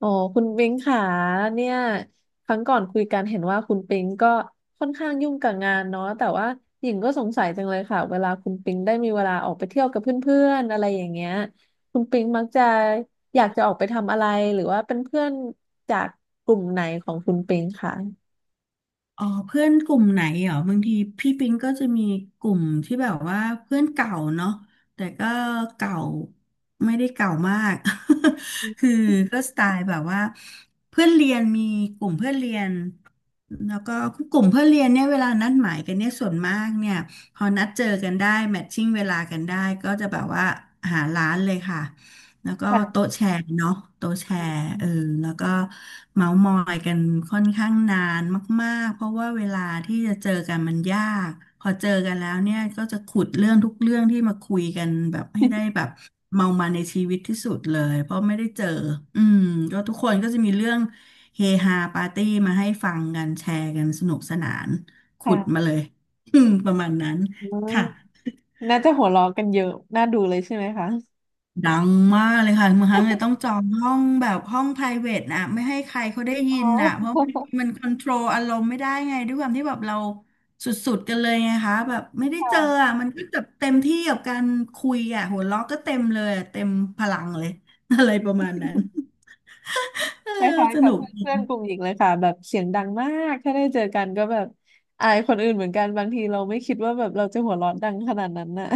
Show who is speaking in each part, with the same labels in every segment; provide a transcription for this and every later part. Speaker 1: อ๋อคุณปิงค่ะเนี่ยครั้งก่อนคุยกันเห็นว่าคุณปิงก็ค่อนข้างยุ่งกับงานเนาะแต่ว่าหญิงก็สงสัยจังเลยค่ะเวลาคุณปิงได้มีเวลาออกไปเที่ยวกับเพื่อนๆอะไรอย่างเงี้ยคุณปิงมักจะอยากจะออกไปทำอะไรหรือว่าเป็นเพื่อนจากกลุ่มไหนของคุณปิงค่ะ
Speaker 2: อ๋อเพื่อนกลุ่มไหนเหรอบางทีพี่ปิงก็จะมีกลุ่มที่แบบว่าเพื่อนเก่าเนาะแต่ก็เก่าไม่ได้เก่ามาก คือก็สไตล์แบบว่าเพื่อนเรียนมีกลุ่มเพื่อนเรียนแล้วก็กลุ่มเพื่อนเรียนเนี่ยเวลานัดหมายกันเนี่ยส่วนมากเนี่ยพอนัดเจอกันได้แมทชิ่งเวลากันได้ก็จะแบบว่าหาร้านเลยค่ะ แล้วก็
Speaker 1: ค่ะ
Speaker 2: โต๊ะแชร์เนาะโต๊ะแชร์เออแล้วก็เมาส์มอยกันค่อนข้างนานมากๆเพราะว่าเวลาที่จะเจอกันมันยากพอเจอกันแล้วเนี่ยก็จะขุดเรื่องทุกเรื่องที่มาคุยกันแบบให้ได้ แบบเมามาในชีวิตที่สุดเลยเพราะไม่ได้เจออืมก็ทุกคนก็จะมีเรื่องเฮฮาปาร์ตี้มาให้ฟังกันแชร์กันสนุกสนานขุดมา
Speaker 1: ค่ะ
Speaker 2: เลย อืมประมาณนั้นค่ะ
Speaker 1: ออน่าจะหัวเราะกันเยอะน่าดูเลยใช่ไหมคะ
Speaker 2: ดังมากเลยค่ะบางครั้งเลยต้องจองห้องแบบห้อง private นะไม่ให้ใครเขาได้
Speaker 1: อ๋
Speaker 2: ยิ
Speaker 1: อ
Speaker 2: นนะเพราะมัน คอนโทรลอารมณ์ไม่ได้ไงด้วยความที่แบบเราสุดๆกันเลยไงคะแบบไม่ได้เจอ
Speaker 1: ค่ะ
Speaker 2: อ่ะมันก็แบบเต็มที่กับการคุยอ่ะหัวเราะก็เต็มเลยอะเต็มพลังเลย อะไรประมาณนั้น เออ
Speaker 1: คล้าย
Speaker 2: ส
Speaker 1: ๆกั
Speaker 2: นุ
Speaker 1: บ
Speaker 2: กดี
Speaker 1: เพื่อนๆกลุ่มหญิงเลยค่ะแบบเสียงดังมากถ้าได้เจอกันก็แบบอายคนอื่นเหมือนกันบางทีเราไม่คิดว่าแบบเราจะหัวเราะดังขนาดนั้นน่ะ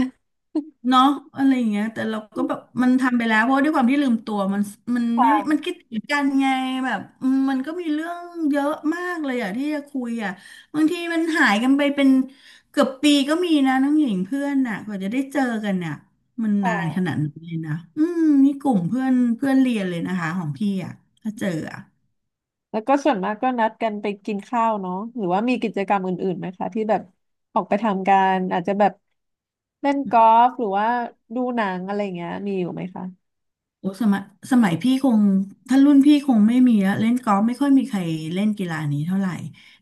Speaker 2: เนาะอะไรอย่างเงี้ยแต่เราก็แบบมันทำไปแล้วเพราะว่าด้วยความที่ลืมตัวมันมัน
Speaker 1: ค
Speaker 2: ไม่มัน
Speaker 1: ่ะ
Speaker 2: คิดถึงกันไงแบบอืมมันก็มีเรื่องเยอะมากเลยอะที่จะคุยอะบางทีมันหายกันไปเป็นเกือบปีก็มีนะน้องหญิงเพื่อนน่ะกว่าจะได้เจอกันน่ะมัน
Speaker 1: ค
Speaker 2: นานขนาด
Speaker 1: ่ะ
Speaker 2: นี้นเลยนะอืมนี่กลุ่มเพื่อนเพื่อนเรียนเลยนะคะของพี่อะถ้าเจออะ
Speaker 1: แล้วก็ส่วนมากก็นัดกันไปกินข้าวเนาะหรือว่ามีกิจกรรมอื่นๆไหมคะที่แบบออกไปทำกันอาจจะแบบเล่นกอล์ฟหรือว่าดูหนังอะไรอย่างเงี้ยมีอยู่ไหมคะ
Speaker 2: โอ้สมัยสมัยพี่คงถ้ารุ่นพี่คงไม่มีแล้วเล่นกอล์ฟไม่ค่อยมีใครเล่นกีฬานี้เท่าไหร่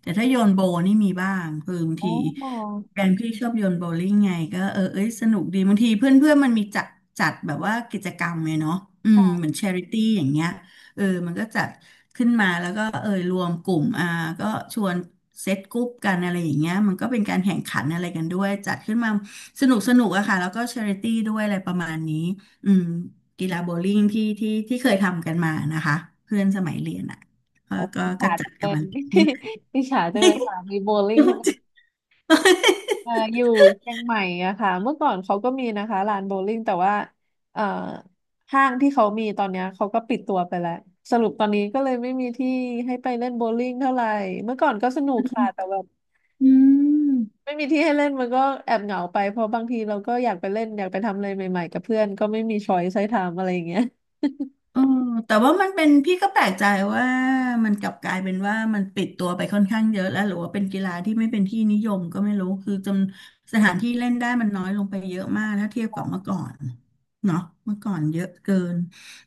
Speaker 2: แต่ถ้าโยนโบนี่มีบ้างคือบาง
Speaker 1: อ๋อ
Speaker 2: ทีแฟนพี่ชอบโยนโบลิ่งไงก็เออเอ้ยสนุกดีบางทีเพื่อนเพื่อนมันมีจัดจัดแบบว่ากิจกรรมไงเนาะอืม
Speaker 1: ค่ะ
Speaker 2: เหมือนชาริตี้อย่างเงี้ยเออมันก็จัดขึ้นมาแล้วก็เออรวมกลุ่มอ่าก็ชวนเซตกรุ๊ปกันอะไรอย่างเงี้ยมันก็เป็นการแข่งขันอะไรกันด้วยจัดขึ้นมาสนุกอะค่ะแล้วก็ชาริตี้ด้วยอะไรประมาณนี้อืม กีฬาโบว์ลิ่งที่เคยทำกันมานะคะเพื่อนสมัยเรียนอ่ะก็
Speaker 1: โอ้
Speaker 2: ก็
Speaker 1: อิจ
Speaker 2: ก็
Speaker 1: ฉา
Speaker 2: จั
Speaker 1: จั
Speaker 2: ด
Speaker 1: งเล
Speaker 2: กัน
Speaker 1: ย
Speaker 2: มาเล่นี่
Speaker 1: อิจฉาจังเลยค่ะมีโบว์ลิ่งให้
Speaker 2: น
Speaker 1: อยู่เชียงใหม่อะค่ะเมื่อก่อนเขาก็มีนะคะลานโบว์ลิ่งแต่ว่าเอ่อห้างที่เขามีตอนเนี้ยเขาก็ปิดตัวไปแล้วสรุปตอนนี้ก็เลยไม่มีที่ให้ไปเล่นโบว์ลิ่งเท่าไหร่เมื่อก่อนก็สนุกค่ะแต่แบบไม่มีที่ให้เล่นมันก็แอบเหงาไปเพราะบางทีเราก็อยากไปเล่นอยากไปทำอะไรใหม่ๆกับเพื่อนก็ไม่มีช้อยส์ให้ทำอะไรอย่างเงี้ย
Speaker 2: เออแต่ว่ามันเป็นพี่ก็แปลกใจว่ามันกลับกลายเป็นว่ามันปิดตัวไปค่อนข้างเยอะแล้วหรือว่าเป็นกีฬาที่ไม่เป็นที่นิยมก็ไม่รู้คือจำสถานที่เล่นได้มันน้อยลงไปเยอะมากถ้าเทียบกับเมื่อก่อนเนาะเมื่อก่อนเยอะเกิน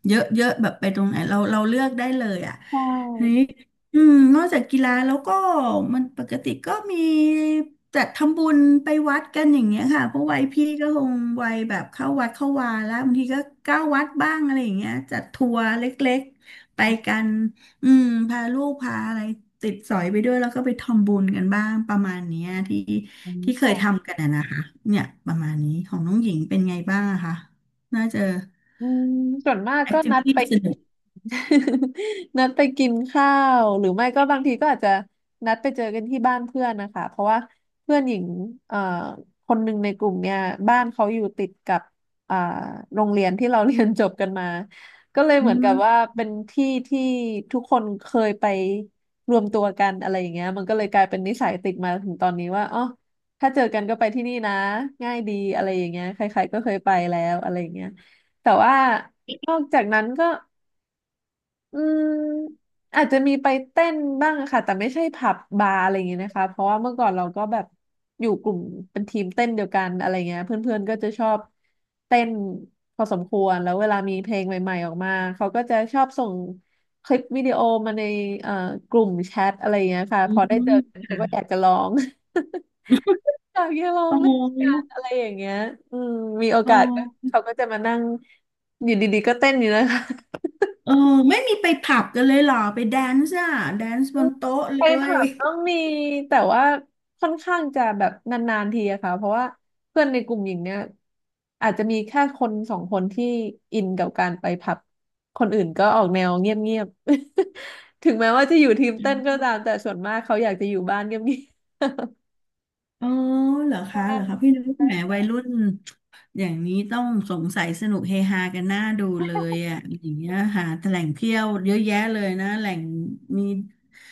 Speaker 2: เยอะเยอะแบบไปตรงไหนเราเลือกได้เลยอ่ะ
Speaker 1: ใช
Speaker 2: ทีนี้
Speaker 1: ่
Speaker 2: อืมนอกจากกีฬาแล้วก็มันปกติก็มี จัดทำบุญไปวัดกันอย่างเงี้ยค่ะเพราะวัยพี่ก็คงวัยแบบเข้าวัดเข้าวาแล้วบางทีก็เก้าวัดบ้างอะไรอย่างเงี้ยจัดทัวร์เล็กๆไปกันอืมพาลูกพาอะไรติดสอยไปด้วยแล้วก็ไปทำบุญกันบ้างประมาณเนี้ยที่
Speaker 1: อืม
Speaker 2: ที่เคย
Speaker 1: ค่ะ
Speaker 2: ทำกันนะคะเนี่ยประมาณนี้ของน้องหญิงเป็นไงบ้างอะคะน่าจะ
Speaker 1: อืมส่วนมาก
Speaker 2: แอ
Speaker 1: ก็
Speaker 2: คทิ
Speaker 1: นั
Speaker 2: วิ
Speaker 1: ด
Speaker 2: ตี้
Speaker 1: ไป
Speaker 2: สนุก
Speaker 1: นัด ไปกินข้าวหรือไม่ก็บางทีก็อาจจะนัดไปเจอกันที่บ้านเพื่อนนะคะเพราะว่าเพื่อนหญิงเอ่อคนหนึ่งในกลุ่มเนี่ยบ้านเขาอยู่ติดกับอ่าโรงเรียนที่เราเรียนจบกันมาก็เลย
Speaker 2: อื
Speaker 1: เหมือนกับ
Speaker 2: ม
Speaker 1: ว่าเป็นที่ที่ทุกคนเคยไปรวมตัวกันอะไรอย่างเงี้ยมันก็เลยกลายเป็นนิสัยติดมาถึงตอนนี้ว่าอ๋อถ้าเจอกันก็ไปที่นี่นะง่ายดีอะไรอย่างเงี้ยใครๆก็เคยไปแล้วอะไรอย่างเงี้ย แต่ว่านอกจากนั้นก็อืมอาจจะมีไปเต้นบ้างค่ะแต่ไม่ใช่ผับบาร์อะไรอย่างเงี้ยนะคะเพราะว่าเมื่อก่อนเราก็แบบอยู่กลุ่มเป็นทีมเต้นเดียวกันอะไรเงี้ยเพื่อนๆก็จะชอบเต้นพอสมควรแล้วเวลามีเพลงใหม่ๆออกมาเขาก็จะชอบส่งคลิปวิดีโอมาในเอ่อกลุ่มแชทอะไรเงี้ยค่ะ
Speaker 2: อื
Speaker 1: พอได้เจอ
Speaker 2: ม
Speaker 1: กันเขาก็อยากจะร้อง อยากจะลอง
Speaker 2: อ๋
Speaker 1: เล่นกา
Speaker 2: อ
Speaker 1: นอะไรอย่างเงี้ยอืมมีโอ
Speaker 2: อ๋อ
Speaker 1: กาสก็เขาก็จะมานั่งอยู่ดีๆก็เต้นอยู่นะคะ
Speaker 2: เออไม่มีไปผับกันเลยเหรอไปแดนซ์อ่ะแดนซ์บ
Speaker 1: อืม
Speaker 2: นโต๊ะ
Speaker 1: ไป
Speaker 2: เลย
Speaker 1: ผับต้องมีแต่ว่าค่อนข้างจะแบบนานๆทีอะค่ะเพราะว่าเพื่อนในกลุ่มหญิงเนี่ยอาจจะมีแค่คนสองคนที่อินกับการไปผับคนอื่นก็ออกแนวเงียบๆ ถึงแม้ว่าจะอยู่ทีมเต้นก็ตามแต่ส่วนมากเขาอยากจะอยู่บ้านเงียบ
Speaker 2: อ๋อเหรอ
Speaker 1: ๆ
Speaker 2: คะเหรอคะพี่นึก ว่าแหม
Speaker 1: ใช่
Speaker 2: วัยรุ่นอย่างนี้ต้องสงสัยสนุกเฮฮากันหน้าดูเลยอ่ะอย่างเงี้ยหาแต่แหล่งเที่ยวเยอะแยะเลยนะแหล่งมี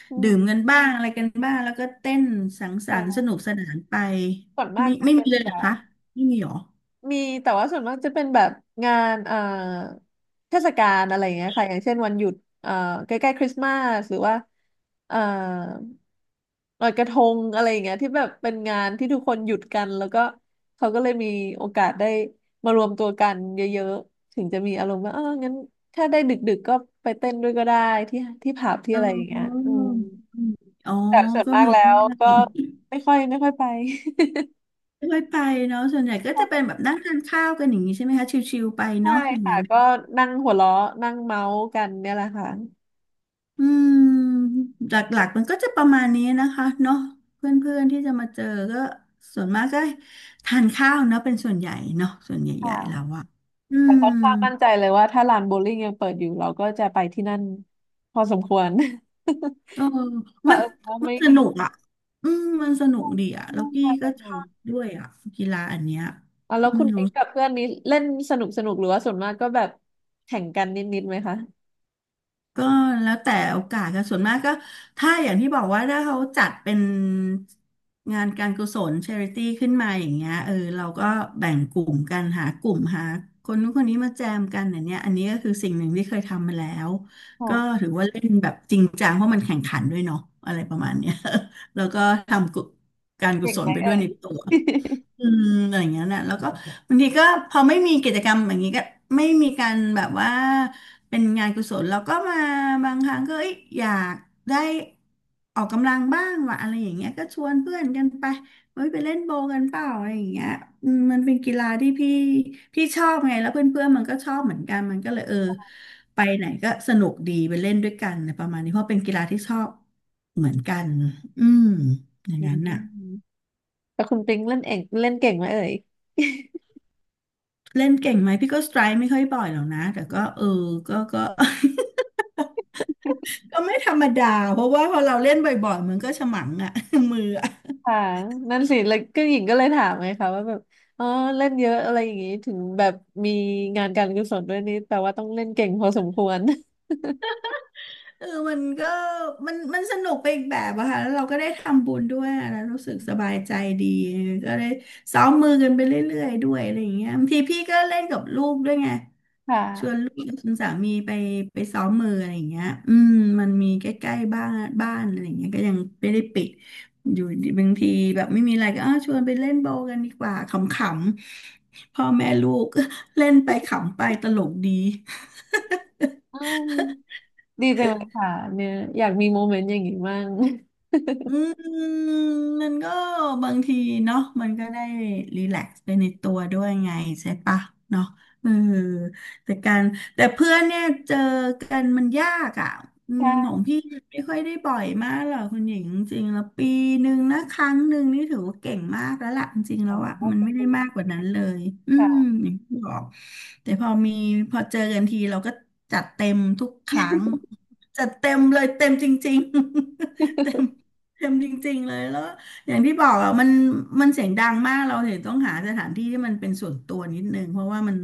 Speaker 1: อืม
Speaker 2: ดื่มกันบ้างอะไรกันบ้างแล้วก็เต้นสังสรรค์สนุ
Speaker 1: ค่ะ
Speaker 2: กสนานไป
Speaker 1: ส่วนมาก
Speaker 2: ไม่
Speaker 1: จะ
Speaker 2: ไม่
Speaker 1: เป็
Speaker 2: มี
Speaker 1: น
Speaker 2: เลย
Speaker 1: แบ
Speaker 2: เหรอคะ
Speaker 1: บ
Speaker 2: ไม่มีเหรอ
Speaker 1: มีแต่ว่าส่วนมากจะเป็นแบบงานเทศกาลอะไรอย่างเงี้ยค่ะอย่างเช่นวันหยุดเอ่อใกล้ๆคริสต์มาสหรือว่าเอ่อลอยกระทงอะไรอย่างเงี้ยที่แบบเป็นงานที่ทุกคนหยุดกันแล้วก็เขาก็เลยมีโอกาสได้มารวมตัวกันเยอะๆถึงจะมีอารมณ์ว่าเอองั้นถ้าได้ดึกๆก็ไปเต้นด้วยก็ได้ที่ที่ผับที่
Speaker 2: เ
Speaker 1: อะไรอย่างเงี้ย
Speaker 2: ออ
Speaker 1: อืม
Speaker 2: อ๋อ
Speaker 1: แต่ส่วน
Speaker 2: ก็
Speaker 1: มาก
Speaker 2: มี
Speaker 1: แล้
Speaker 2: บ้
Speaker 1: ว
Speaker 2: าง
Speaker 1: ก็ไม่ค่อยไป
Speaker 2: ไม่ค่อยไปเนาะส่วนใหญ่ก็จะเป็นแบบนั่งทานข้าวกันอย่างนี้ใช่ไหมคะชิวๆไป
Speaker 1: ใช่
Speaker 2: เนาะอย่าง
Speaker 1: ค่ะ
Speaker 2: นั้น
Speaker 1: ก็นั่งหัวเราะนั่งเมาส์กันเนี่ยแหละค่ะ
Speaker 2: อืมหลักๆมันก็จะประมาณนี้นะคะเนาะเพื่อนๆที่จะมาเจอก็ส่วนมากก็ทานข้าวเนาะเป็นส่วนใหญ่เนาะส่วนใหญ่ๆแล้ว
Speaker 1: ค่ะ
Speaker 2: อะอื
Speaker 1: แต่
Speaker 2: ม
Speaker 1: ค่อนข้างมั่นใจเลยว่าถ้าลานโบว์ลิ่งยังเปิดอยู่เราก็จะไปที่นั่นพอสมควร
Speaker 2: เออ
Speaker 1: ค่ะ
Speaker 2: มัน
Speaker 1: เออว่า
Speaker 2: มัน
Speaker 1: ไม่
Speaker 2: ส
Speaker 1: มี
Speaker 2: นุกอะอืมมันสนุกดีอะแล้
Speaker 1: เล่
Speaker 2: ว
Speaker 1: อง
Speaker 2: กี้
Speaker 1: มาส
Speaker 2: ก็ช
Speaker 1: นุ
Speaker 2: อ
Speaker 1: ก
Speaker 2: บด้วยอะกีฬาอันเนี้ย
Speaker 1: อ่ะแล้วคุ
Speaker 2: ไม่
Speaker 1: ณ
Speaker 2: รู้
Speaker 1: ปิ๊กกับเพื่อนนี้เล่นสนุกสนุกหรือว่าส่วนมากก็แบบแข่งกันนิดๆไหมคะ
Speaker 2: ก็แล้วแต่โอกาสค่ะส่วนมากก็ถ้าอย่างที่บอกว่าถ้าเขาจัดเป็นงานการกุศลช h ริตี้ขึ้นมาอย่างเงี้ยเราก็แบ่งกลุ่มกันหากลุ่มหาคนนู้นคนนี้มาแจมกันอย่างเนี้ยอันนี้ก็คือสิ่งหนึ่งที่เคยทำมาแล้วก็
Speaker 1: ค่ะ
Speaker 2: ถือว่าเล่นแบบจริงจังเพราะมันแข่งขันด้วยเนาะอะไรประมาณเนี้ย แล้วก็ทำกุการกุ
Speaker 1: เก่ง
Speaker 2: ศ
Speaker 1: ไห
Speaker 2: ล
Speaker 1: ม
Speaker 2: ไป
Speaker 1: เอ่
Speaker 2: ด้วย
Speaker 1: ย
Speaker 2: ในตัว อืมอย่างเงี้ยนะแล้วก็บางทีก็พอไม่มีกิจกรรมอย่างนี้ก็ไม่มีการแบบว่าเป็นงานกุศลเราก็มาบางครั้งก็เอ้ยอยากได้ออกกำลังบ้างว่ะอะไรอย่างเงี้ยก็ชวนเพื่อนกันไปเฮ้ยไปเล่นโบว์กันเปล่าอะไรอย่างเงี้ยอืมมันเป็นกีฬาที่พี่ชอบไงแล้วเพื่อนเพื่อนมันก็ชอบเหมือนกันมันก็เลยไปไหนก็สนุกดีไปเล่นด้วยกันอะไรประมาณนี้เพราะเป็นกีฬาที่ชอบเหมือนกันอืมอย่าง
Speaker 1: อื
Speaker 2: นั้น
Speaker 1: ม
Speaker 2: น่ะ
Speaker 1: แต่คุณปิ๊งเล่นเองเล่นเก่งไหมเอ่ย
Speaker 2: เล่นเก่งไหมพี่ก็สไตร์ไม่ค่อยบ่อยหรอกนะแต่ก็ก็ ก็ไม่ธรรมดาเพราะว่าพอเราเล่นบ่อยๆมันก็ฉมังอะ มืออะ
Speaker 1: ค่ะนั่นสิแล้วก็หญิงก็เลยถามไงคะว่าแบบอ๋อเล่นเยอะอะไรอย่างงี้ถึงแบบมีงานการกุศลด้วยนี่แปลว่าต้องเล่นเก่งพอสมควร
Speaker 2: มันก็มันสนุกไปอีกแบบอะค่ะแล้วเราก็ได้ทำบุญด้วยแล้วรู้สึกสบายใจดีก็ได้ซ้อมมือกันไปเรื่อยๆด้วยอะไรอย่างเงี้ยบางทีพี่ก็เล่นกับลูกด้วยไง
Speaker 1: ค่
Speaker 2: ชวน
Speaker 1: ะ
Speaker 2: ลูกชวนสามีไปไปซ้อมมืออะไรอย่างเงี้ยอืมมันมีใกล้ๆบ้านอะไรอย่างเงี้ยก็ยังไม่ได้ปิด อยู่ดีบางทีแบบไม่มีอะไรก็อ้าวชวนไปเล่นโบว์กันดีกว่าขำๆพ่อแม่ลูก เล่นไปขำไปตลกดี
Speaker 1: อืมดีจังเลยค่ะเนี่ยอยากมีโมเมนต์อย่างนี้บ้าง
Speaker 2: อืมมันก็บางทีเนาะมันก็ได้รีแลกซ์ไปในตัวด้วยไงใช่ปะเนาะเออแต่การแต่เพื่อนเนี่ยเจอกันมันยากอ่ะอืม
Speaker 1: ใช่
Speaker 2: ของพี่ไม่ค่อยได้บ่อยมากหรอกคุณหญิงจริงๆแล้วปีหนึ่งนะครั้งหนึ่งนี่ถือว่าเก่งมากแล้วล่ะจริงๆ
Speaker 1: อ๋
Speaker 2: แล้
Speaker 1: อ
Speaker 2: วอ่ะมัน
Speaker 1: เป็
Speaker 2: ไม่ได้
Speaker 1: น
Speaker 2: มากกว่านั้นเลยอืม
Speaker 1: ค่ะ
Speaker 2: อย่างที่บอกแต่พอมีพอเจอกันทีเราก็จัดเต็มทุกครั้งจัดเต็มเลยเต็มจริงๆ เต็ม เค็มจริงๆเลยแล้วอย่างที่บอกอ่ะมันเสียงดังมากเราถึงต้องหาสถานที่ที่มันเป็นส่วนตัวนิดนึงเพราะว่ามัน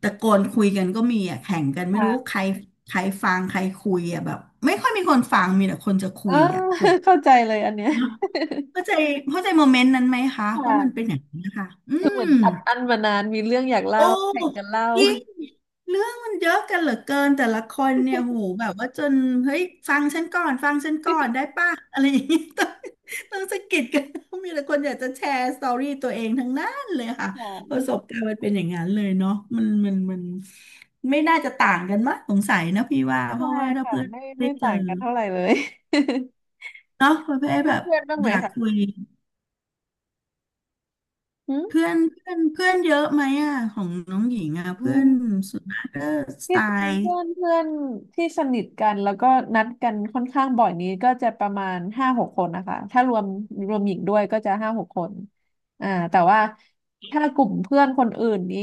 Speaker 2: ตะโกนคุยกันก็มีอ่ะแข่งกันไม่รู้ใค
Speaker 1: ค่ะ
Speaker 2: รใครฟังใครคุยอ่ะแบบไม่ค่อยมีคนฟังมีแต่คนจะคุ
Speaker 1: เออ
Speaker 2: ยอ่ะส่วน
Speaker 1: เข้าใจเลยอันเนี้ย
Speaker 2: เนอะเข้าใจเข้าใจโมเมนต์นั้นไหมคะเพราะมันเป็น
Speaker 1: ค่ะ
Speaker 2: อย่างนี้นนะคะอื
Speaker 1: คือเหมื
Speaker 2: ม
Speaker 1: อนอัดอั้นมานานมีเรื่องอยากเล่า
Speaker 2: โอ้
Speaker 1: แข่งกันเล่า
Speaker 2: จริงเรื่องมันเยอะกันเหลือเกินแต่ละคนเนี่ยโหแบบว่าจนเฮ้ยฟังฉันก่อนฟังฉันก่อนได้ป่ะอะไรอย่างนี้ต้องสะกิดกันมีแต่คนอยากจะแชร์สตอรี่ตัวเองทั้งนั้นเลยค่ะ
Speaker 1: ค่ะ
Speaker 2: ประสบการณ์มันเป็นอย่างนั้นเลยเนาะมันไม่น่าจะต่างกันมั้งสงสัยนะพี่ว่าเพ
Speaker 1: ใช่
Speaker 2: ราะว่าถ้า
Speaker 1: ค่ะ
Speaker 2: เพื่อน
Speaker 1: ไม่
Speaker 2: ได้
Speaker 1: ไม่
Speaker 2: เจอ
Speaker 1: ต่างกันเท่าไหร่เลย
Speaker 2: เนาะประเภทแบ บ
Speaker 1: เพื่อนบ้าง
Speaker 2: อ
Speaker 1: ไหม
Speaker 2: ยากคุ
Speaker 1: คะ
Speaker 2: ยเพื่อนเพื่อนเพื่อนเยอะไหมอ่ะของน้องหญิงอ่ะ
Speaker 1: อื
Speaker 2: เพื่อ
Speaker 1: ม
Speaker 2: นส่วนมากก็สไต
Speaker 1: ที่จริง
Speaker 2: ล์
Speaker 1: เพื่อนเพื่อนที่สนิทกันแล้วก็นัดกันค่อนข้างบ่อยนี้ก็จะประมาณห้าหกคนนะคะถ้ารวมหญิงด้วยก็จะห้าหกคนอ่าแต่ว่าถ้ากลุ่มเพื่อนคนอื่นนี้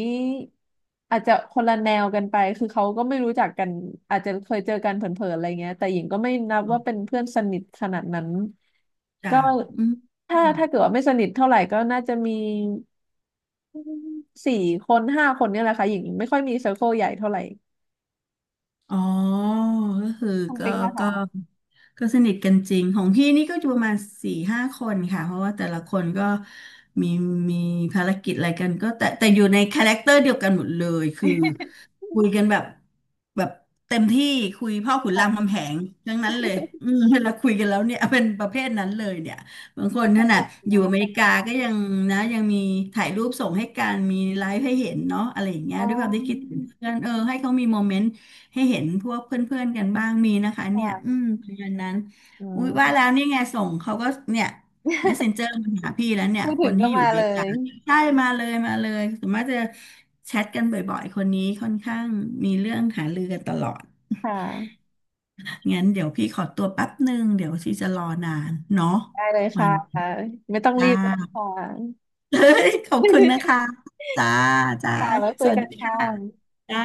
Speaker 1: อาจจะคนละแนวกันไปคือเขาก็ไม่รู้จักกันอาจจะเคยเจอกันเผลอๆอะไรเงี้ยแต่หญิงก็ไม่นับว่าเป็นเพื่อนสนิทขนาดนั้น
Speaker 2: จ้ะ
Speaker 1: ก็
Speaker 2: อืมอื
Speaker 1: ถ้า
Speaker 2: ม
Speaker 1: ถ้าเกิดว่าไม่สนิทเท่าไหร่ก็น่าจะมี4-5 คนเนี่ยแหละค่ะหญิงไม่ค่อยมีเซอร์เคิลใหญ่เท่าไหร่
Speaker 2: อ๋อก็คือ
Speaker 1: คุณ
Speaker 2: ก็
Speaker 1: ปิ๊งนะ
Speaker 2: ก็
Speaker 1: คะ
Speaker 2: ก็สนิทกันจริง ของพี่นี่ก็อยู่ประมาณสี่ห้าคนค่ะ เพราะว่าแต่ละคนก็มีมีภารกิจอะไรกันก็แต่อยู่ในคาแรคเตอร์เดียวกันหมดเลยคือ คุยกันแบบเต็มที่คุยพ่อขุนราม
Speaker 1: ค่ะ
Speaker 2: คำแหงทั้งนั้นเลยอืมเวลาคุยกันแล้วเนี่ยเป็นประเภทนั้นเลยเนี่ยบางคน
Speaker 1: ส
Speaker 2: ขนาด
Speaker 1: นุก
Speaker 2: อยู่
Speaker 1: เนาะ
Speaker 2: อเม
Speaker 1: ส
Speaker 2: ริ
Speaker 1: นุ
Speaker 2: กา
Speaker 1: ก
Speaker 2: ก็ยังนะยังมีถ่ายรูปส่งให้กันมีไลฟ์ให้เห็นเนาะอะไรอย่างเงี้ย
Speaker 1: อ๋อ
Speaker 2: ด้วยความที่คิดถึงเพื่อนให้เขามีโมเมนต์ ให้เห็นพวกเพื่อนๆกันบ้างมีนะคะเนี่ยอื
Speaker 1: ค่ะ
Speaker 2: มประมาณนั้น
Speaker 1: อื
Speaker 2: อุ้ยว่าแล้ว
Speaker 1: ม
Speaker 2: นี่ไงส่งเขาก็เนี่ย Messenger มาหาพี่แล้วเนี่ย
Speaker 1: พูด
Speaker 2: ค
Speaker 1: ถึง
Speaker 2: น
Speaker 1: ก็
Speaker 2: ที่อยู่
Speaker 1: มา
Speaker 2: เบ
Speaker 1: เล
Speaker 2: กา
Speaker 1: ย
Speaker 2: ใช่มาเลยมาเลยสมมติจะแชทกันบ่อยๆคนนี้ค่อนข้างมีเรื่องหารือกันตลอด
Speaker 1: ค่ะ
Speaker 2: งั้นเดี๋ยวพี่ขอตัวแป๊บหนึ่งเดี๋ยวที่จะรอนานเนาะ
Speaker 1: ได้เล
Speaker 2: ป
Speaker 1: ย
Speaker 2: ระมา
Speaker 1: ค่ะ
Speaker 2: ณนี้
Speaker 1: ไม่ต้องรี
Speaker 2: จ้า
Speaker 1: บก็ได้ค่ะ
Speaker 2: เฮ้ยขอบคุณนะคะ จ้าจ้า
Speaker 1: ค่ะแล้วคุ
Speaker 2: ส
Speaker 1: ย
Speaker 2: วัส
Speaker 1: กัน
Speaker 2: ดี
Speaker 1: ค่
Speaker 2: ค่ะ
Speaker 1: ะ
Speaker 2: จ้า